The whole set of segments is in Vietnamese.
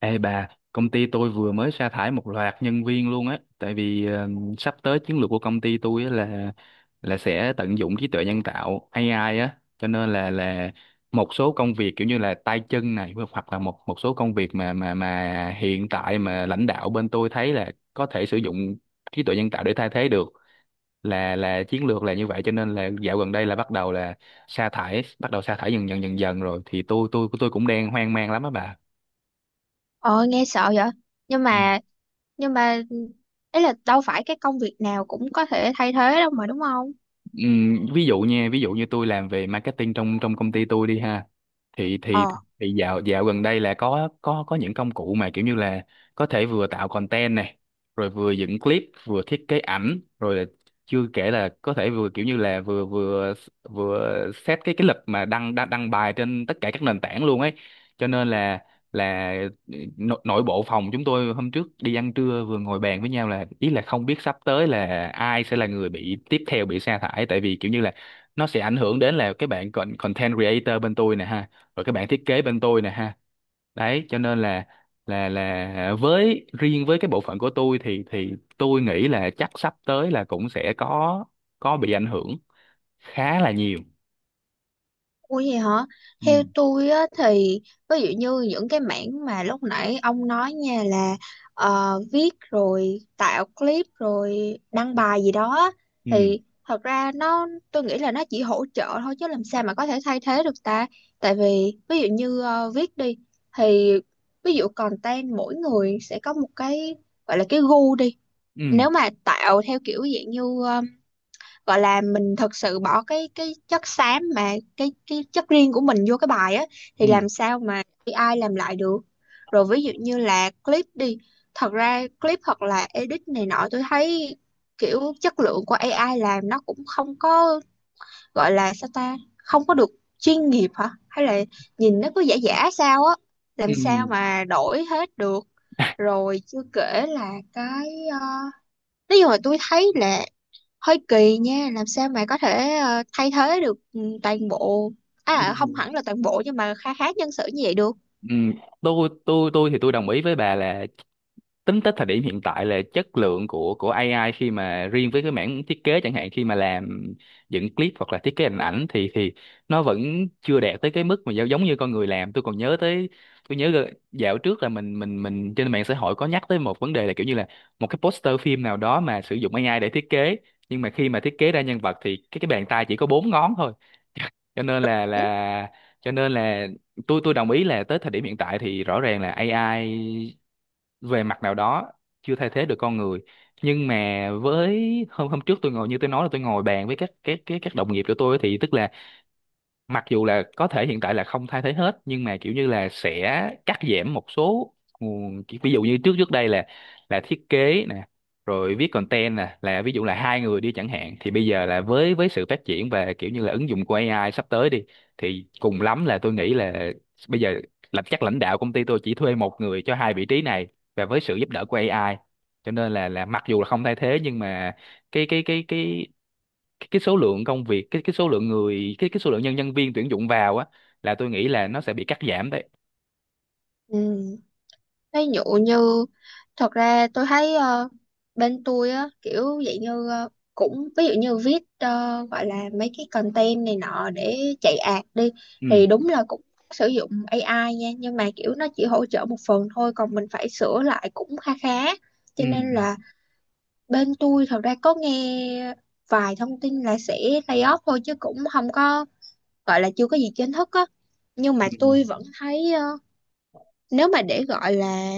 Ê bà, công ty tôi vừa mới sa thải một loạt nhân viên luôn á, tại vì sắp tới chiến lược của công ty tôi á là sẽ tận dụng trí tuệ nhân tạo AI á, cho nên là một số công việc kiểu như là tay chân này hoặc hoặc là một một số công việc mà mà hiện tại mà lãnh đạo bên tôi thấy là có thể sử dụng trí tuệ nhân tạo để thay thế được. Là chiến lược là như vậy, cho nên là dạo gần đây là bắt đầu là sa thải dần dần dần dần rồi thì tôi cũng đang hoang mang lắm á bà. Ờ, nghe sợ vậy. Nhưng Ừ. mà nhưng mà ấy là đâu phải cái công việc nào cũng có thể thay thế đâu mà, đúng không? Ví dụ nha, ví dụ như tôi làm về marketing trong trong công ty tôi đi ha, thì thì Ờ. thì dạo dạo gần đây là có những công cụ mà kiểu như là có thể vừa tạo content này rồi vừa dựng clip vừa thiết kế ảnh, rồi là chưa kể là có thể vừa kiểu như là vừa vừa vừa set cái lịch mà đăng đăng đăng bài trên tất cả các nền tảng luôn ấy. Cho nên là nội, nội bộ phòng chúng tôi hôm trước đi ăn trưa vừa ngồi bàn với nhau là ý là không biết sắp tới là ai sẽ là người bị tiếp theo bị sa thải, tại vì kiểu như là nó sẽ ảnh hưởng đến là cái bạn content creator bên tôi nè ha, rồi cái bạn thiết kế bên tôi nè ha, đấy cho nên là là với riêng với cái bộ phận của tôi thì tôi nghĩ là chắc sắp tới là cũng sẽ có bị ảnh hưởng khá là nhiều. Ủa vậy hả? ừ Theo tôi á, thì ví dụ như những cái mảng mà lúc nãy ông nói nha là viết rồi tạo clip rồi đăng bài gì đó á, ừ thì thật ra nó tôi nghĩ là nó chỉ hỗ trợ thôi, chứ làm sao mà có thể thay thế được ta. Tại vì ví dụ như viết đi, thì ví dụ content mỗi người sẽ có một cái gọi là cái gu đi. ừ Nếu mà tạo theo kiểu dạng như gọi là mình thật sự bỏ cái chất xám mà cái chất riêng của mình vô cái bài á, thì ừ làm sao mà AI làm lại được. Rồi ví dụ như là clip đi, thật ra clip hoặc là edit này nọ tôi thấy kiểu chất lượng của AI làm nó cũng không có gọi là, sao ta, không có được chuyên nghiệp hả, hay là nhìn nó cứ giả giả sao á, ừ làm sao mà đổi hết được. Rồi chưa kể là cái ờ, nói chung là tôi thấy là hơi kỳ nha, làm sao mà có thể thay thế được toàn bộ. Không ừ hẳn là toàn bộ nhưng mà khá khá nhân sự như vậy được. Ừ, tôi thì tôi đồng ý với bà là tính tới thời điểm hiện tại là chất lượng của AI khi mà riêng với cái mảng thiết kế chẳng hạn, khi mà làm dựng clip hoặc là thiết kế hình ảnh thì nó vẫn chưa đạt tới cái mức mà giống như con người làm. Tôi còn nhớ tới, tôi nhớ dạo trước là mình mình trên mạng xã hội có nhắc tới một vấn đề là kiểu như là một cái poster phim nào đó mà sử dụng AI để thiết kế, nhưng mà khi mà thiết kế ra nhân vật thì cái bàn tay chỉ có bốn ngón thôi. Cho nên là Ừ. là cho nên là tôi đồng ý là tới thời điểm hiện tại thì rõ ràng là AI về mặt nào đó chưa thay thế được con người. Nhưng mà với hôm hôm trước tôi ngồi, như tôi nói là tôi ngồi bàn với các đồng nghiệp của tôi, thì tức là mặc dù là có thể hiện tại là không thay thế hết, nhưng mà kiểu như là sẽ cắt giảm một số ví dụ như trước trước đây là thiết kế nè, rồi viết content nè, là ví dụ là hai người đi chẳng hạn, thì bây giờ là với sự phát triển và kiểu như là ứng dụng của AI sắp tới đi, thì cùng lắm là tôi nghĩ là bây giờ là chắc lãnh đạo công ty tôi chỉ thuê một người cho hai vị trí này và với sự giúp đỡ của AI. Cho nên là mặc dù là không thay thế, nhưng mà cái cái cái cái cái số lượng công việc, cái số lượng người, cái số lượng nhân nhân viên tuyển dụng vào á, là tôi nghĩ là nó sẽ bị cắt giảm đấy. Ừ. Ví dụ như thật ra tôi thấy bên tôi á, kiểu vậy như cũng ví dụ như viết, gọi là mấy cái content này nọ để chạy ad đi, ừ thì đúng là cũng sử dụng AI nha, nhưng mà kiểu nó chỉ hỗ trợ một phần thôi, còn mình phải sửa lại cũng khá khá. ừ Cho nên là bên tôi thật ra có nghe vài thông tin là sẽ lay off thôi, chứ cũng không có, gọi là chưa có gì chính thức á. Nhưng mà ừ tôi vẫn thấy nếu mà để gọi là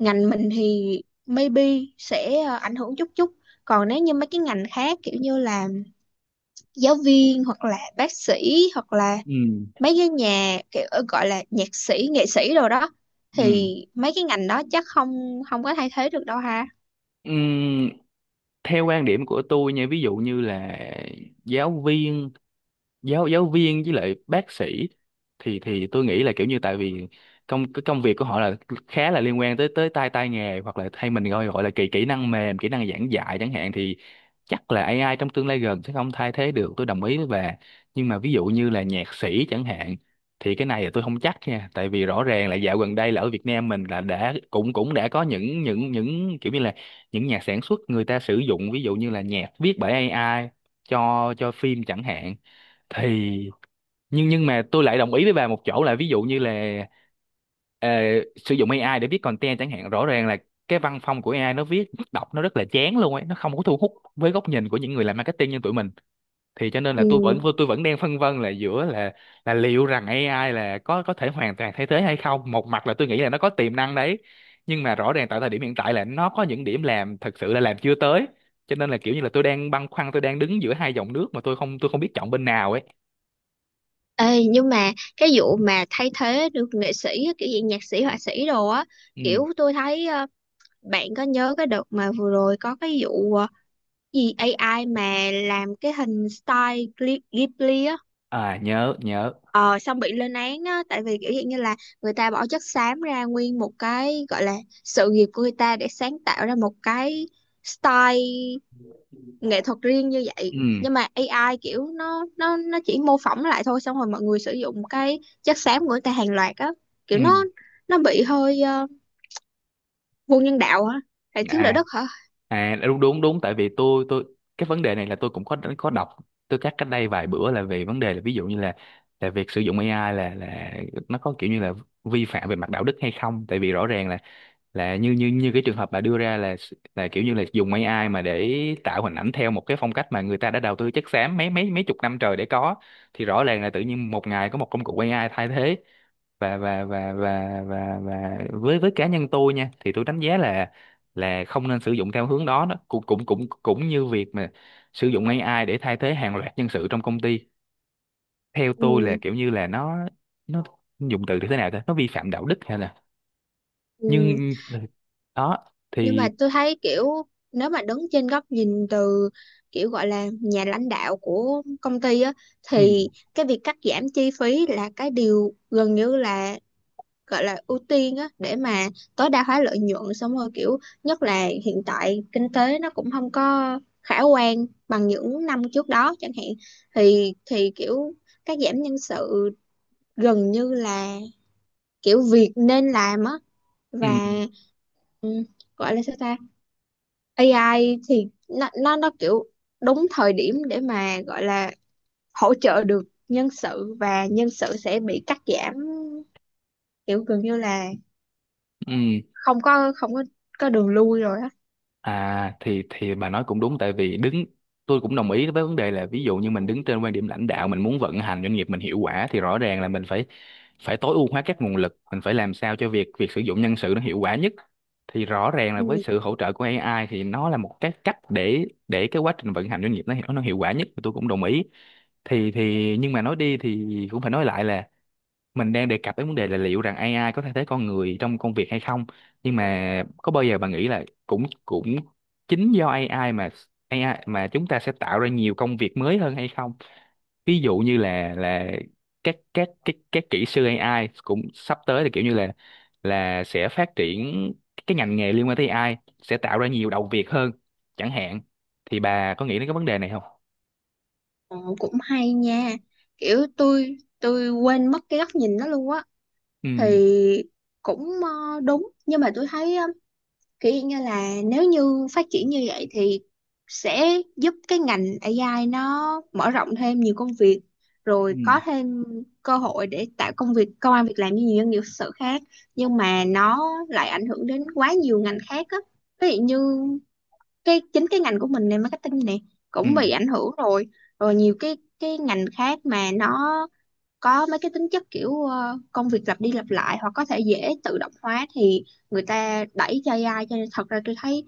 ngành mình thì maybe sẽ ảnh hưởng chút chút. Còn nếu như mấy cái ngành khác kiểu như là giáo viên, hoặc là bác sĩ, hoặc là ừ mấy cái nhà kiểu gọi là nhạc sĩ nghệ sĩ rồi đó, thì ừ mấy cái ngành đó chắc không không có thay thế được đâu ha. Ừm, theo quan điểm của tôi nha, ví dụ như là giáo viên, giáo giáo viên với lại bác sĩ, thì tôi nghĩ là kiểu như, tại vì cái công việc của họ là khá là liên quan tới tới tay tay nghề, hoặc là hay mình gọi gọi là kỹ kỹ năng mềm, kỹ năng giảng dạy chẳng hạn, thì chắc là AI trong tương lai gần sẽ không thay thế được, tôi đồng ý với. Nhưng mà ví dụ như là nhạc sĩ chẳng hạn, thì cái này là tôi không chắc nha, tại vì rõ ràng là dạo gần đây là ở Việt Nam mình là đã cũng cũng đã có những kiểu như là những nhà sản xuất, người ta sử dụng ví dụ như là nhạc viết bởi AI cho phim chẳng hạn, thì nhưng mà tôi lại đồng ý với bà một chỗ là ví dụ như là ờ, sử dụng AI để viết content chẳng hạn, rõ ràng là cái văn phong của AI nó viết đọc nó rất là chán luôn ấy, nó không có thu hút với góc nhìn của những người làm marketing như tụi mình. Thì cho nên là Ừ. tôi vẫn đang phân vân là giữa là liệu rằng AI là có thể hoàn toàn thay thế hay không. Một mặt là tôi nghĩ là nó có tiềm năng đấy, nhưng mà rõ ràng tại thời điểm hiện tại là nó có những điểm làm thật sự là làm chưa tới, cho nên là kiểu như là tôi đang đứng giữa hai dòng nước mà tôi không biết chọn bên nào ấy. Ê, nhưng mà cái vụ mà thay thế được nghệ sĩ á, kiểu gì nhạc sĩ họa sĩ đồ á, Ừ. kiểu tôi thấy bạn có nhớ cái đợt mà vừa rồi có cái vụ gì AI mà làm cái hình style Ghibli á? À, nhớ nhớ. Ờ, xong bị lên án á, tại vì kiểu dạng như là người ta bỏ chất xám ra nguyên một cái gọi là sự nghiệp của người ta để sáng tạo ra một cái style nghệ thuật riêng như vậy, Ừ. nhưng mà AI kiểu nó chỉ mô phỏng lại thôi, xong rồi mọi người sử dụng cái chất xám của người ta hàng loạt á. Kiểu Ừ. nó bị hơi vô nhân đạo á, lại thiếu đạo À, đức hả. à đúng đúng đúng, tại vì tôi cái vấn đề này là tôi cũng có đọc, tôi cắt cách đây vài bữa là về vấn đề là ví dụ như là việc sử dụng AI là nó có kiểu như là vi phạm về mặt đạo đức hay không. Tại vì rõ ràng là như như như cái trường hợp bà đưa ra là kiểu như là dùng AI mà để tạo hình ảnh theo một cái phong cách mà người ta đã đầu tư chất xám mấy mấy mấy chục năm trời để có, thì rõ ràng là tự nhiên một ngày có một công cụ AI thay thế. Và với cá nhân tôi nha, thì tôi đánh giá là không nên sử dụng theo hướng đó. Đó cũng cũng như việc mà sử dụng AI để thay thế hàng loạt nhân sự trong công ty, theo tôi là Ừ. kiểu như là nó nó dùng từ thì thế nào ta, nó vi phạm đạo đức hay là. Ừ. Nhưng đó Nhưng thì. mà tôi thấy kiểu nếu mà đứng trên góc nhìn từ kiểu gọi là nhà lãnh đạo của công ty á, Ừ, thì cái việc cắt giảm chi phí là cái điều gần như là gọi là ưu tiên á, để mà tối đa hóa lợi nhuận, xong rồi kiểu nhất là hiện tại kinh tế nó cũng không có khả quan bằng những năm trước đó chẳng hạn, thì kiểu cắt giảm nhân sự gần như là kiểu việc nên làm á. Và ừ, ừ, gọi là sao ta, AI thì nó kiểu đúng thời điểm để mà gọi là hỗ trợ được nhân sự, và nhân sự sẽ bị cắt giảm kiểu gần như là ừ. không có có đường lui rồi á. À thì bà nói cũng đúng, tại vì đứng, tôi cũng đồng ý với vấn đề là ví dụ như mình đứng trên quan điểm lãnh đạo, mình muốn vận hành doanh nghiệp mình hiệu quả, thì rõ ràng là mình phải phải tối ưu hóa các nguồn lực, mình phải làm sao cho việc việc sử dụng nhân sự nó hiệu quả nhất. Thì rõ ràng là với Ui, sự hỗ trợ của AI thì nó là một cái cách để cái quá trình vận hành doanh nghiệp nó hiệu quả nhất, tôi cũng đồng ý. Thì nhưng mà nói đi thì cũng phải nói lại là mình đang đề cập đến vấn đề là liệu rằng AI có thay thế con người trong công việc hay không, nhưng mà có bao giờ bạn nghĩ là cũng cũng chính do AI mà chúng ta sẽ tạo ra nhiều công việc mới hơn hay không. Ví dụ như là các kỹ sư AI cũng sắp tới là kiểu như là sẽ phát triển cái ngành nghề liên quan tới AI, sẽ tạo ra nhiều đầu việc hơn chẳng hạn. Thì bà có nghĩ đến cái vấn đề này không? ờ, cũng hay nha, kiểu tôi quên mất cái góc nhìn đó luôn á. ừ Thì cũng đúng, nhưng mà tôi thấy kiểu như là nếu như phát triển như vậy thì sẽ giúp cái ngành AI nó mở rộng thêm nhiều công việc, rồi ừ có thêm cơ hội để tạo công việc công ăn việc làm như nhiều doanh nghiệp thực sự khác. Nhưng mà nó lại ảnh hưởng đến quá nhiều ngành khác á. Ví dụ như cái chính cái ngành của mình này, marketing này, ừ cũng bị ảnh hưởng rồi. Rồi nhiều cái ngành khác mà nó có mấy cái tính chất kiểu công việc lặp đi lặp lại hoặc có thể dễ tự động hóa, thì người ta đẩy cho AI. Cho nên thật ra tôi thấy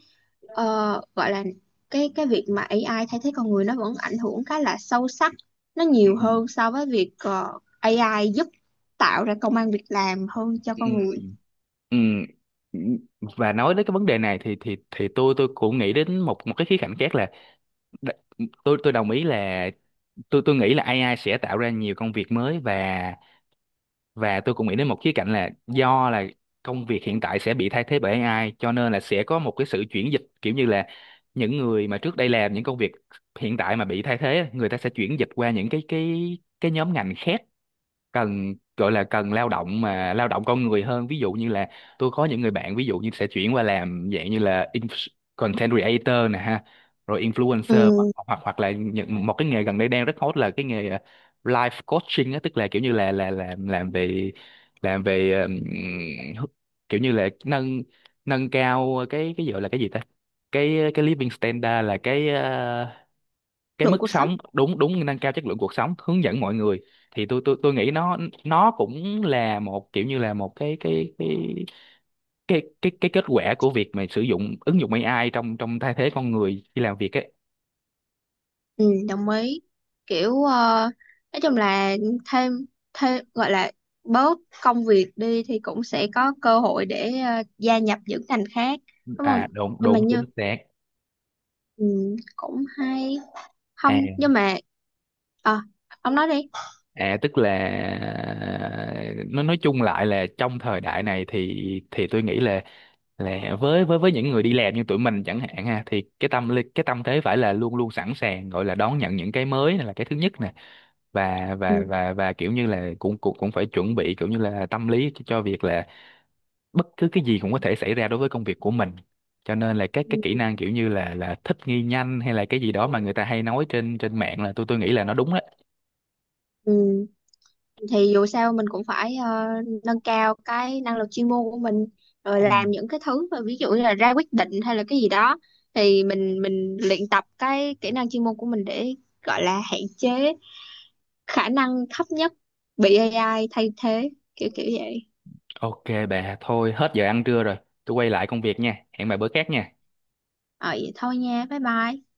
ờ, gọi là cái việc mà AI thay thế con người nó vẫn ảnh hưởng khá là sâu sắc, nó ừ nhiều hơn so với việc AI giúp tạo ra công ăn việc làm hơn cho ừ con người. Ừ, và nói đến cái vấn đề này thì tôi cũng nghĩ đến một một cái khía cạnh khác là đ- tôi đồng ý là tôi nghĩ là AI sẽ tạo ra nhiều công việc mới. Và tôi cũng nghĩ đến một khía cạnh là do là công việc hiện tại sẽ bị thay thế bởi AI, cho nên là sẽ có một cái sự chuyển dịch kiểu như là những người mà trước đây làm những công việc hiện tại mà bị thay thế, người ta sẽ chuyển dịch qua những cái nhóm ngành khác, cần gọi là cần lao động mà lao động con người hơn. Ví dụ như là tôi có những người bạn ví dụ như sẽ chuyển qua làm dạng như là content creator nè ha, rồi influencer, hoặc Ừ, hoặc hoặc là những, một cái nghề gần đây đang rất hot là cái nghề life coaching á, tức là kiểu như là làm về làm về kiểu như là nâng nâng cao cái gọi là cái gì ta, cái living standard, là cái cái lượng mức cuộc sống. sống, đúng đúng, nâng cao chất lượng cuộc sống, hướng dẫn mọi người. Thì tôi tôi nghĩ nó cũng là một kiểu như là một cái kết quả của việc mà sử dụng ứng dụng AI trong trong thay thế con người khi làm việc ấy. Ừ, đồng ý. Kiểu nói chung là thêm thêm, gọi là bớt công việc đi thì cũng sẽ có cơ hội để gia nhập những ngành khác, đúng không? À đúng Nhưng mà đúng chính như xác. ừ, cũng hay, không À, nhưng mà ờ ông nói đi. Tức là nó nói chung lại là trong thời đại này thì tôi nghĩ là với những người đi làm như tụi mình chẳng hạn ha, thì cái tâm lý, cái tâm thế phải là luôn luôn sẵn sàng, gọi là đón nhận những cái mới này là cái thứ nhất nè. và và Ừ, và và kiểu như là cũng cũng cũng phải chuẩn bị kiểu như là tâm lý cho việc là bất cứ cái gì cũng có thể xảy ra đối với công việc của mình. Cho nên là các cái kỹ ừ, năng kiểu như là thích nghi nhanh, hay là cái gì đó mà người ta hay nói trên trên mạng là, tôi nghĩ là nó đúng đấy. ừ. Thì dù sao mình cũng phải nâng cao cái năng lực chuyên môn của mình, rồi Ừ. làm những cái thứ mà ví dụ như là ra quyết định hay là cái gì đó, thì mình luyện tập cái kỹ năng chuyên môn của mình để gọi là hạn chế khả năng thấp nhất bị AI thay thế, kiểu kiểu vậy. Ok bà, thôi hết giờ ăn trưa rồi, tôi quay lại công việc nha, hẹn bà bữa khác nha. Ờ, vậy thôi nha, bye bye.